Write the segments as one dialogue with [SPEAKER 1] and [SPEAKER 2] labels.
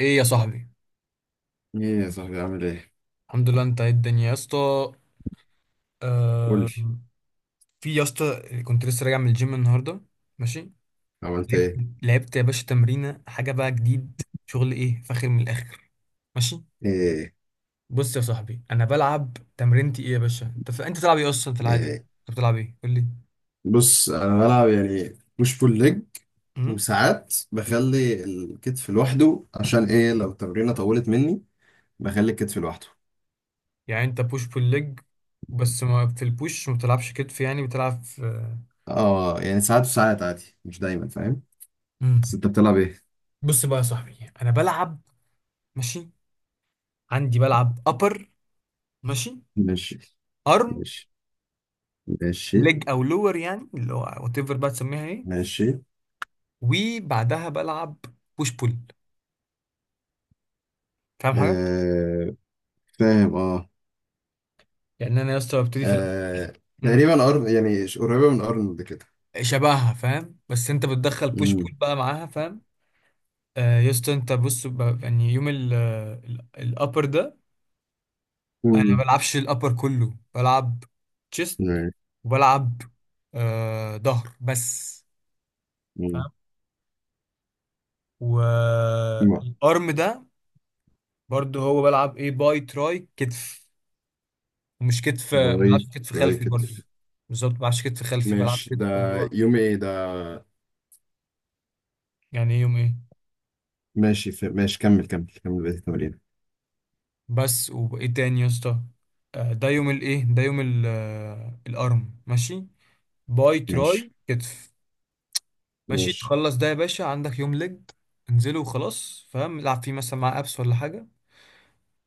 [SPEAKER 1] ايه يا صاحبي؟
[SPEAKER 2] ايه يا صاحبي، عامل ايه؟
[SPEAKER 1] الحمد لله. انت ايه الدنيا يا اسطى؟
[SPEAKER 2] قول
[SPEAKER 1] آه.
[SPEAKER 2] لي،
[SPEAKER 1] في يا اسطى، كنت لسه راجع من الجيم النهارده. ماشي.
[SPEAKER 2] عملت
[SPEAKER 1] لعبت.
[SPEAKER 2] ايه؟
[SPEAKER 1] لعبت يا باشا تمرينه، حاجه بقى جديد، شغل ايه فاخر من الاخر. ماشي.
[SPEAKER 2] ايه
[SPEAKER 1] بص يا صاحبي، انا بلعب تمرينتي ايه يا باشا. انت بتلعب ايه اصلا في العادي
[SPEAKER 2] ايه.
[SPEAKER 1] انت؟ بتلعب ايه؟ قول لي.
[SPEAKER 2] بص، انا بلعب يعني بوش بول ليج،
[SPEAKER 1] امم.
[SPEAKER 2] وساعات بخلي الكتف لوحده عشان ايه، لو التمرينه طولت مني بخلي الكتف لوحده.
[SPEAKER 1] يعني انت بوش بول ليج. بس ما في البوش ما بتلعبش كتف، يعني بتلعب في؟
[SPEAKER 2] اه يعني ساعات وساعات عادي، مش دايما، فاهم؟ بس
[SPEAKER 1] امم.
[SPEAKER 2] انت بتلعب ايه؟
[SPEAKER 1] بص بقى يا صاحبي انا بلعب. ماشي. عندي بلعب ابر. ماشي.
[SPEAKER 2] ماشي
[SPEAKER 1] ارم.
[SPEAKER 2] ماشي ماشي
[SPEAKER 1] ليج او لور، يعني اللي هو وات ايفر بقى تسميها ايه.
[SPEAKER 2] ماشي.
[SPEAKER 1] وبعدها بلعب بوش بول. فاهم حاجه.
[SPEAKER 2] آه فاهم اه.
[SPEAKER 1] يعني انا يا اسطى ببتدي في الأول.
[SPEAKER 2] آه تقريبا أرن، يعني قريبه من ارنولد كده.
[SPEAKER 1] شبهها فاهم، بس انت بتدخل بوش بول
[SPEAKER 2] امم
[SPEAKER 1] بقى معاها فاهم. آه يا اسطى انت بص، يعني يوم ال، الابر ده. انا ما بلعبش الابر كله، بلعب تشيست، وبلعب آه ظهر بس.
[SPEAKER 2] امم
[SPEAKER 1] فاهم. والارم ده، برضو هو بلعب ايه، باي تراي كتف. ومش كتف، ما
[SPEAKER 2] باي
[SPEAKER 1] بلعبش كتف
[SPEAKER 2] راي
[SPEAKER 1] خلفي برضه.
[SPEAKER 2] كتف.
[SPEAKER 1] بالظبط، ما بلعبش كتف خلفي، بلعب
[SPEAKER 2] ماشي، ده
[SPEAKER 1] كتف اللي هو.
[SPEAKER 2] يوم ايه ده؟
[SPEAKER 1] يعني ايه يوم ايه؟
[SPEAKER 2] ماشي، ماشي كمل كمل كمل بقية التمارين.
[SPEAKER 1] بس وايه تاني يا اسطى؟ ده يوم الايه، ده الارم ماشي. باي تراي
[SPEAKER 2] ماشي
[SPEAKER 1] كتف. ماشي،
[SPEAKER 2] ماشي
[SPEAKER 1] تخلص ده يا باشا عندك يوم ليج. انزله وخلاص فاهم، العب فيه مثلا مع ابس ولا حاجه.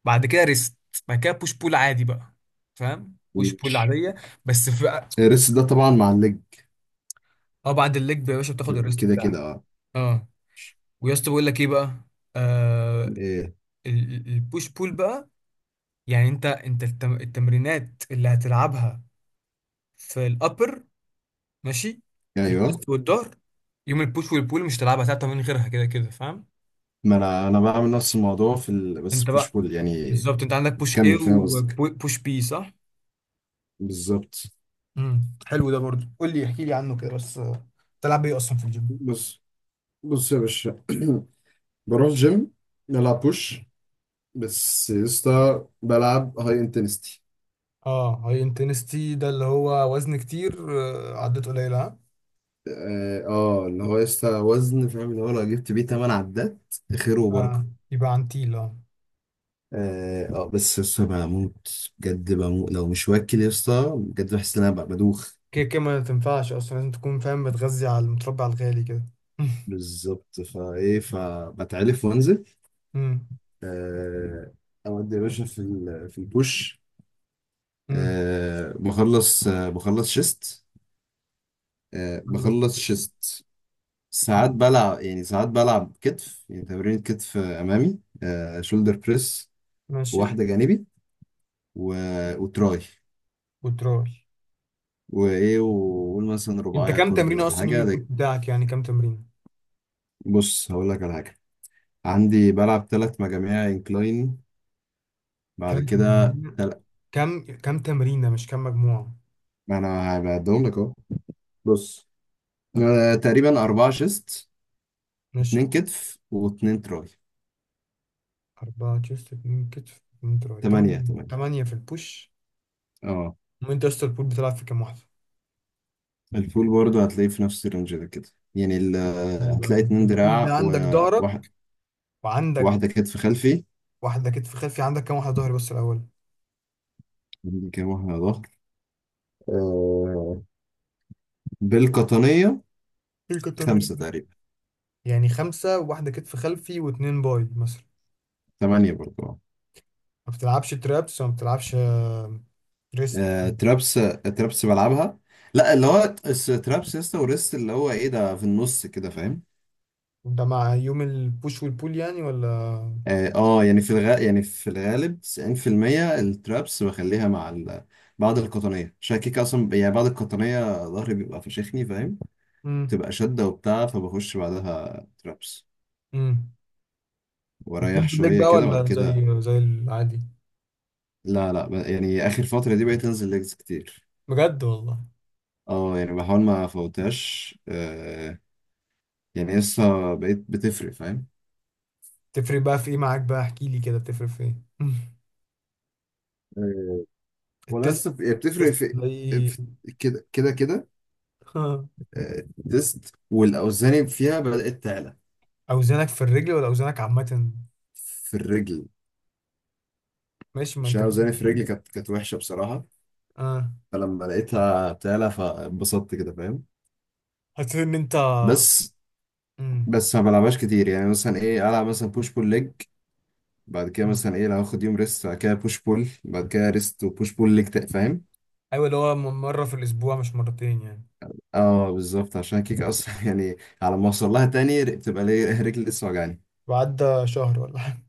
[SPEAKER 1] بعد كده ريست. بعد كده بوش بول عادي بقى. فاهم، بوش بول
[SPEAKER 2] ماشي،
[SPEAKER 1] عاديه. بس في.
[SPEAKER 2] الريست ده طبعا مع الليج،
[SPEAKER 1] اه بعد الليج يا باشا بتاخد
[SPEAKER 2] كده
[SPEAKER 1] الريست
[SPEAKER 2] كده كده،
[SPEAKER 1] بتاعك.
[SPEAKER 2] اه.
[SPEAKER 1] اه. ويا اسطى بقول لك ايه بقى. آه.
[SPEAKER 2] ايه.
[SPEAKER 1] البوش بول بقى. يعني انت التمرينات اللي هتلعبها في الابر. ماشي. في
[SPEAKER 2] ايوه،
[SPEAKER 1] الشيست والظهر، يوم البوش والبول مش هتلعبها ثلاثة من غيرها كده كده فاهم.
[SPEAKER 2] ما انا بعمل نفس الموضوع بس
[SPEAKER 1] انت
[SPEAKER 2] بوش
[SPEAKER 1] بقى،
[SPEAKER 2] بول يعني.
[SPEAKER 1] بالظبط انت عندك بوش ايه
[SPEAKER 2] كمل فاهم قصدك،
[SPEAKER 1] وبوش بي صح؟
[SPEAKER 2] بالظبط.
[SPEAKER 1] امم. حلو ده برضو، قول لي احكي لي عنه كده بس، تلعب ايه اصلا في الجيم؟
[SPEAKER 2] بص بص يا باشا، بروح جيم بلعب بوش، بس يسطا بلعب هاي انتنستي.
[SPEAKER 1] اه هاي انتنستي ده اللي هو وزن كتير، عدات قليلة، ها؟
[SPEAKER 2] اللي هو يسطا وزن، فاهم؟ اللي هو لو جبت بيه تمن عدات، خير
[SPEAKER 1] آه.
[SPEAKER 2] وبركة.
[SPEAKER 1] يبقى عن تيل اه.
[SPEAKER 2] اه آه، بس يسطا بموت بجد، بموت لو مش واكل يسطا، بجد بحس ان انا بدوخ.
[SPEAKER 1] كده كده ما تنفعش اصلا، لازم تكون فاهم بتغذي على المتربع الغالي كده.
[SPEAKER 2] بالظبط، فايه فبتعلف وانزل. آه اودي يا باشا في البوش.
[SPEAKER 1] مم.
[SPEAKER 2] آه بخلص، آه بخلص شيست، آه
[SPEAKER 1] يلا.
[SPEAKER 2] بخلص شيست
[SPEAKER 1] مم.
[SPEAKER 2] ساعات بلعب يعني، ساعات بلعب كتف يعني، تمرين كتف آه، امامي آه، شولدر بريس،
[SPEAKER 1] ماشي.
[SPEAKER 2] واحدة جانبي، و... وتراي.
[SPEAKER 1] وتراي.
[SPEAKER 2] وايه وقول مثلا
[SPEAKER 1] انت
[SPEAKER 2] رباعية
[SPEAKER 1] كام
[SPEAKER 2] كردي
[SPEAKER 1] تمرينه
[SPEAKER 2] ولا
[SPEAKER 1] اصلا يوم
[SPEAKER 2] حاجة
[SPEAKER 1] الفوت بتاعك؟ يعني كام تمرينه؟
[SPEAKER 2] بص، هقول لك على حاجة. عندي بلعب ثلاث مجاميع انكلاين، بعد
[SPEAKER 1] ثلاث
[SPEAKER 2] كده
[SPEAKER 1] تمارين
[SPEAKER 2] تل...
[SPEAKER 1] كام تمرينه مش كام مجموعه؟
[SPEAKER 2] ما انا هبعدهم لك اهو. بص آه، تقريبا أربعة شيست،
[SPEAKER 1] ماشي.
[SPEAKER 2] اتنين كتف واتنين تراي.
[SPEAKER 1] 4 تشيست، 2 كتف، 2 تراي،
[SPEAKER 2] تمانية تمانية
[SPEAKER 1] 8 في البوش.
[SPEAKER 2] اه.
[SPEAKER 1] وانت يا اسطى البول بتلعب في كام واحده؟
[SPEAKER 2] الفول برضه هتلاقيه في نفس الرينج ده كده، يعني ال...
[SPEAKER 1] ايوه بقى،
[SPEAKER 2] هتلاقي
[SPEAKER 1] ده انت
[SPEAKER 2] اتنين
[SPEAKER 1] البول
[SPEAKER 2] دراع
[SPEAKER 1] ده عندك
[SPEAKER 2] وواحد،
[SPEAKER 1] ظهرك. وعندك
[SPEAKER 2] واحدة كتف خلفي.
[SPEAKER 1] واحده كتف خلفي، عندك كام واحده ظهري بس الاول؟
[SPEAKER 2] عندي كام واحدة ظهر آه، بالقطنية؟
[SPEAKER 1] إيه الكتة ده
[SPEAKER 2] خمسة
[SPEAKER 1] يعني؟
[SPEAKER 2] تقريبا.
[SPEAKER 1] يعني خمسه، وواحده كتف خلفي، واتنين باي مثلا.
[SPEAKER 2] تمانية برضه.
[SPEAKER 1] ما بتلعبش ترابس وما بتلعبش ريست؟
[SPEAKER 2] آه، ترابس، ترابس بلعبها. لا، اللي هو ترابس يسطا، وريست اللي هو ايه ده في النص كده، فاهم؟
[SPEAKER 1] ده مع يوم البوش والبول يعني ولا؟
[SPEAKER 2] اه آه، يعني يعني في الغالب 90% الترابس بخليها مع بعد القطنية عشان كيك اصلا، يعني بعد القطنية ظهري بيبقى فشخني فاهم.
[SPEAKER 1] امم.
[SPEAKER 2] تبقى شدة وبتاع فبخش بعدها ترابس،
[SPEAKER 1] امم.
[SPEAKER 2] واريح
[SPEAKER 1] وبتنزل ليك
[SPEAKER 2] شوية
[SPEAKER 1] بقى
[SPEAKER 2] كده بعد
[SPEAKER 1] ولا
[SPEAKER 2] كده.
[SPEAKER 1] زي العادي؟
[SPEAKER 2] لا لا، يعني اخر فترة دي بقيت انزل ليجز كتير.
[SPEAKER 1] بجد والله؟
[SPEAKER 2] اه يعني بحاول ما افوتهاش آه، يعني لسه بقيت بتفرق فاهم.
[SPEAKER 1] تفرق بقى في ايه معاك؟ بقى احكي لي كده، تفرق في ايه؟ مم.
[SPEAKER 2] ولا
[SPEAKER 1] التست.
[SPEAKER 2] لسه بتفرق
[SPEAKER 1] التست
[SPEAKER 2] في
[SPEAKER 1] تلاقي.
[SPEAKER 2] في- كده كده كده.
[SPEAKER 1] ها،
[SPEAKER 2] آه، تيست والاوزان فيها بدات تعلى.
[SPEAKER 1] اوزانك في الرجل ولا اوزانك عامة؟
[SPEAKER 2] في الرجل،
[SPEAKER 1] ماشي، ما
[SPEAKER 2] عشان
[SPEAKER 1] انت كده.
[SPEAKER 2] اوزاني في الرجل كانت وحشه بصراحه،
[SPEAKER 1] اه.
[SPEAKER 2] فلما لقيتها تعلى فانبسطت كده فاهم.
[SPEAKER 1] حسيت ان انت.
[SPEAKER 2] بس.
[SPEAKER 1] امم.
[SPEAKER 2] ما بلعبهاش كتير، يعني مثلا ايه، العب مثلا بوش بول ليج، بعد كده مثلا ايه لو هاخد يوم ريست، بعد كده بوش بول، بعد كده ريست وبوش بول ليج فاهم.
[SPEAKER 1] ايوه، اللي هو مرة في الاسبوع مش مرتين يعني.
[SPEAKER 2] اه بالظبط، عشان كيك اصلا يعني على ما اوصل لها تاني بتبقى ليه رجلي لسه وجعاني.
[SPEAKER 1] وعدى شهر ولا حاجة؟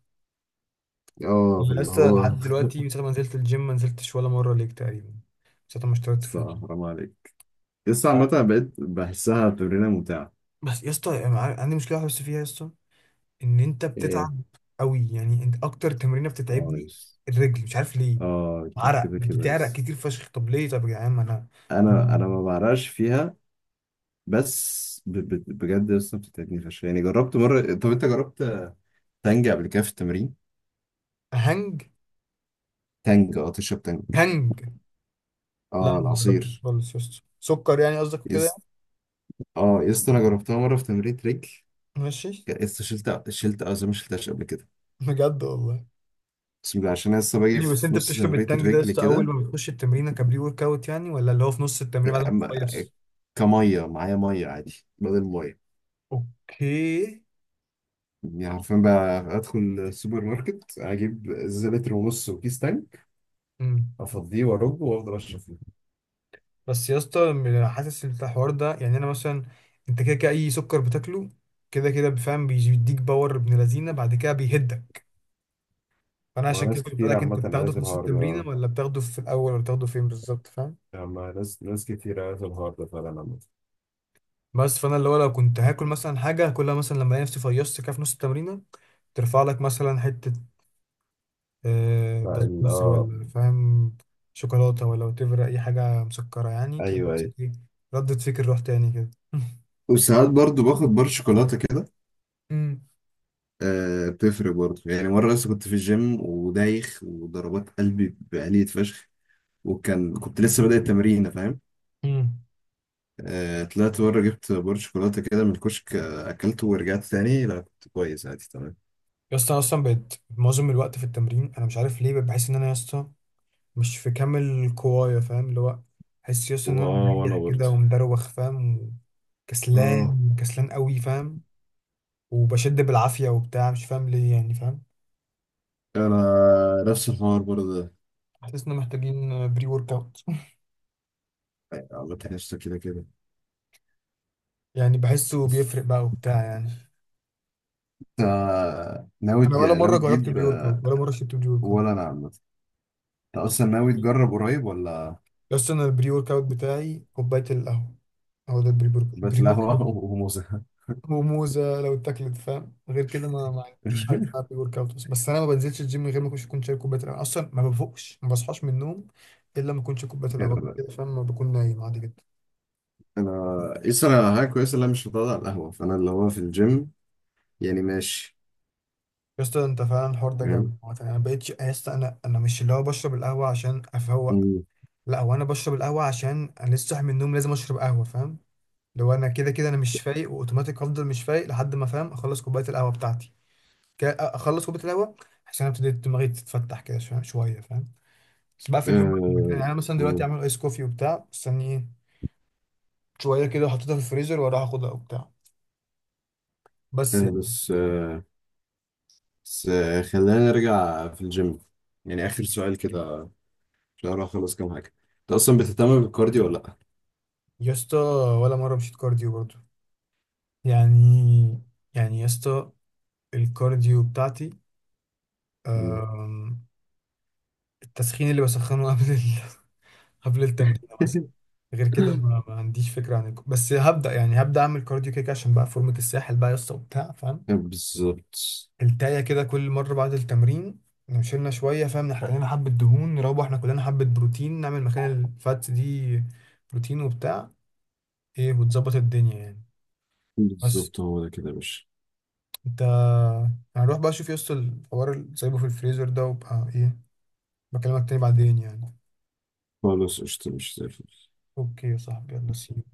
[SPEAKER 2] اه
[SPEAKER 1] مم.
[SPEAKER 2] فاللي
[SPEAKER 1] لسه
[SPEAKER 2] هو
[SPEAKER 1] لحد دلوقتي، من ساعة ما نزلت الجيم ما نزلتش ولا مرة ليك تقريبا، من ساعة ما اشتركت في
[SPEAKER 2] الصراحة
[SPEAKER 1] الجيم.
[SPEAKER 2] حرام عليك، لسه عامة أنا بقيت بحسها تمرينة ممتعة.
[SPEAKER 1] بس يا اسطى أنا عندي مشكله واحده بس فيها يا اسطى، ان انت
[SPEAKER 2] ايه.
[SPEAKER 1] بتتعب قوي، يعني انت اكتر تمرينه
[SPEAKER 2] اه
[SPEAKER 1] بتتعبني
[SPEAKER 2] يس.
[SPEAKER 1] الرجل، مش عارف ليه.
[SPEAKER 2] اه
[SPEAKER 1] عرق
[SPEAKER 2] كده كده
[SPEAKER 1] بتعرق
[SPEAKER 2] يس.
[SPEAKER 1] كتير فشخ، طب ليه؟ طب يا جدعان ما انا.
[SPEAKER 2] انا ما بعرقش فيها، بس بجد لسه بتتعبني فشخ. يعني جربت مرة، طب انت جربت تانج قبل كده في التمرين؟
[SPEAKER 1] هنج.
[SPEAKER 2] تانج اه، تشرب تانج.
[SPEAKER 1] هنج. لا،
[SPEAKER 2] اه
[SPEAKER 1] ما جربتش
[SPEAKER 2] العصير.
[SPEAKER 1] خالص يا اسطى، سكر يعني قصدك وكده
[SPEAKER 2] يس.
[SPEAKER 1] يعني؟
[SPEAKER 2] اه يس، انا جربتها مرة في تمرين رجل،
[SPEAKER 1] ماشي.
[SPEAKER 2] يس شلت، شلت اه زي ما شلتهاش قبل كده.
[SPEAKER 1] بجد والله؟
[SPEAKER 2] بسم الله، عشان أنا لسه باجي
[SPEAKER 1] يعني بس
[SPEAKER 2] في
[SPEAKER 1] انت
[SPEAKER 2] نص
[SPEAKER 1] بتشرب
[SPEAKER 2] تمرين
[SPEAKER 1] التانج ده يا
[SPEAKER 2] الرجل
[SPEAKER 1] اسطى اول
[SPEAKER 2] كده.
[SPEAKER 1] ما بتخش التمرينه كبري ورك اوت يعني؟ ولا اللي هو في نص التمرين بعد ما
[SPEAKER 2] أما-
[SPEAKER 1] تخلص؟
[SPEAKER 2] كمية معايا مية، عادي، بدل مية
[SPEAKER 1] اوكي.
[SPEAKER 2] يعني. عارفين بقى، ادخل السوبر ماركت اجيب ازازه لتر ونص وكيس تانك،
[SPEAKER 1] مم.
[SPEAKER 2] افضيه وارج وافضل اشرب فيه.
[SPEAKER 1] بس يا اسطى حاسس ان الحوار ده، يعني انا مثلا، انت كده كده اي سكر بتاكله كده كده بفهم بيديك باور ابن لذينه بعد كده بيهدك. فانا
[SPEAKER 2] مع
[SPEAKER 1] عشان كده
[SPEAKER 2] ناس
[SPEAKER 1] كنت
[SPEAKER 2] كتير
[SPEAKER 1] بسألك،
[SPEAKER 2] عامه
[SPEAKER 1] انت بتاخده
[SPEAKER 2] قالت
[SPEAKER 1] في نص
[SPEAKER 2] الحوار
[SPEAKER 1] التمرين
[SPEAKER 2] ده،
[SPEAKER 1] ولا بتاخده في الاول ولا بتاخده فين بالظبط فاهم؟
[SPEAKER 2] يعني مع ناس كتير قالت الحوار ده فعلا، عامه.
[SPEAKER 1] بس فانا اللي هو، لو كنت هاكل مثلا حاجه هاكلها مثلا لما الاقي نفسي فيصت كده في نص التمرينه، ترفع لك مثلا حته
[SPEAKER 2] فال
[SPEAKER 1] بسبوسه
[SPEAKER 2] اه.
[SPEAKER 1] ولا فاهم، شوكولاته ولا، وتفرق اي حاجه مسكره، يعني تلاقي
[SPEAKER 2] ايوه
[SPEAKER 1] نفسك
[SPEAKER 2] ايوه.
[SPEAKER 1] ايه، ردت فكر، روح تاني كده.
[SPEAKER 2] وساعات برضو باخد بار شوكولاته كده. آه بتفرق برضو، يعني مره لسه كنت في الجيم ودايخ وضربات قلبي بقلية فشخ، وكان كنت لسه بادئ التمرين فاهم.
[SPEAKER 1] امم.
[SPEAKER 2] آه طلعت بره جبت بار شوكولاته كده من الكشك آه، اكلته ورجعت تاني، لا كنت كويس عادي تمام.
[SPEAKER 1] يا اسطى أنا اصلا بقيت معظم الوقت في التمرين انا مش عارف ليه، بقيت بحس ان انا يا اسطى مش في كامل قوايا فاهم، اللي هو بحس يا اسطى ان انا
[SPEAKER 2] واه
[SPEAKER 1] مريح
[SPEAKER 2] وانا برضه.
[SPEAKER 1] كده ومدروخ فاهم،
[SPEAKER 2] اه
[SPEAKER 1] وكسلان كسلان قوي فاهم، وبشد بالعافيه وبتاع مش فاهم ليه يعني فاهم.
[SPEAKER 2] انا نفس الحوار برضه.
[SPEAKER 1] حاسس ان محتاجين بري ورك اوت.
[SPEAKER 2] عامة قشطة كده كده.
[SPEAKER 1] يعني بحسه بيفرق بقى وبتاع يعني.
[SPEAKER 2] انت ناوي
[SPEAKER 1] انا ولا
[SPEAKER 2] ناوي
[SPEAKER 1] مره جربت
[SPEAKER 2] تجيب
[SPEAKER 1] بري ورك اوت،
[SPEAKER 2] آه؟
[SPEAKER 1] ولا مره شربت بري ورك اوت.
[SPEAKER 2] ولا انا عامة. انت اصلا ناوي تجرب قريب ولا؟
[SPEAKER 1] يا اسطى انا البري ورك اوت بتاعي كوبايه القهوه. هو ده
[SPEAKER 2] بقت
[SPEAKER 1] البري ورك.
[SPEAKER 2] القهوة وموزة.
[SPEAKER 1] وموزه لو اتاكلت فاهم، غير كده ما عنديش حاجه اسمها بري ورك اوت. بس انا ما بنزلش الجيم من غير ما اكونش كنت شارب كوبايه القهوه، اصلا ما بفوقش، ما بصحاش من النوم الا ما اكونش كوبايه القهوه
[SPEAKER 2] غير
[SPEAKER 1] كده فاهم، ما بكون نايم عادي جدا.
[SPEAKER 2] انا، يسرا انا حاجة كويسة اللي انا مش بتقعد على القهوة، فانا اللي هو في الجيم يعني ماشي.
[SPEAKER 1] يا اسطى انت فعلا الحوار ده
[SPEAKER 2] فاهم.
[SPEAKER 1] جامد عامة. انا بقيتش يا اسطى، انا مش اللي هو بشرب القهوه عشان افوق.
[SPEAKER 2] مم.
[SPEAKER 1] لا، هو انا بشرب القهوه عشان انا لسه صاحي من النوم، لازم اشرب قهوه فاهم. لو انا كده كده انا مش فايق، واوتوماتيك هفضل مش فايق لحد ما، فاهم، اخلص كوبايه القهوه بتاعتي. كده اخلص كوبايه القهوه عشان ابتدي دماغي تتفتح كده شويه شوية، فاهم. بس بقى في اليوم،
[SPEAKER 2] آه،
[SPEAKER 1] يعني انا مثلا دلوقتي
[SPEAKER 2] مم.
[SPEAKER 1] اعمل ايس كوفي وبتاع استنيه شويه كده، وحطيتها في الفريزر واروح اخدها وبتاع. بس
[SPEAKER 2] آه،
[SPEAKER 1] يعني.
[SPEAKER 2] بس آه، بس آه، خلينا نرجع في الجيم. يعني اخر سؤال كده. لا لا خلاص، كام حاجة. انت اصلا بتهتم بالكارديو ولا لا؟
[SPEAKER 1] يا اسطى ولا مره مشيت كارديو برضو. يعني يعني يا اسطى الكارديو بتاعتي،
[SPEAKER 2] مم.
[SPEAKER 1] أم، التسخين اللي بسخنه قبل قبل التمرين مثلا. غير كده ما عنديش فكره عن بس هبدا، يعني هبدا اعمل كارديو كده كده عشان بقى فورمه الساحل بقى يا اسطى وبتاع فاهم.
[SPEAKER 2] بالظبط.
[SPEAKER 1] التاية كده كل مرة بعد التمرين نشيلنا شوية فاهم، نحرق لنا حبة دهون، نروح احنا كلنا حبة بروتين نعمل مكان الفاتس دي، بروتين وبتاع ايه، وتظبط الدنيا يعني. بس.
[SPEAKER 2] بالظبط، هو ده كده يا باشا.
[SPEAKER 1] انت، هنروح بقى شوف يوصل الحوار اللي سايبه في الفريزر ده وبقى ايه، بكلمك تاني بعدين يعني.
[SPEAKER 2] خلاص قشطة، مش زي الفل.
[SPEAKER 1] اوكي يا صاحبي، يلا، سي.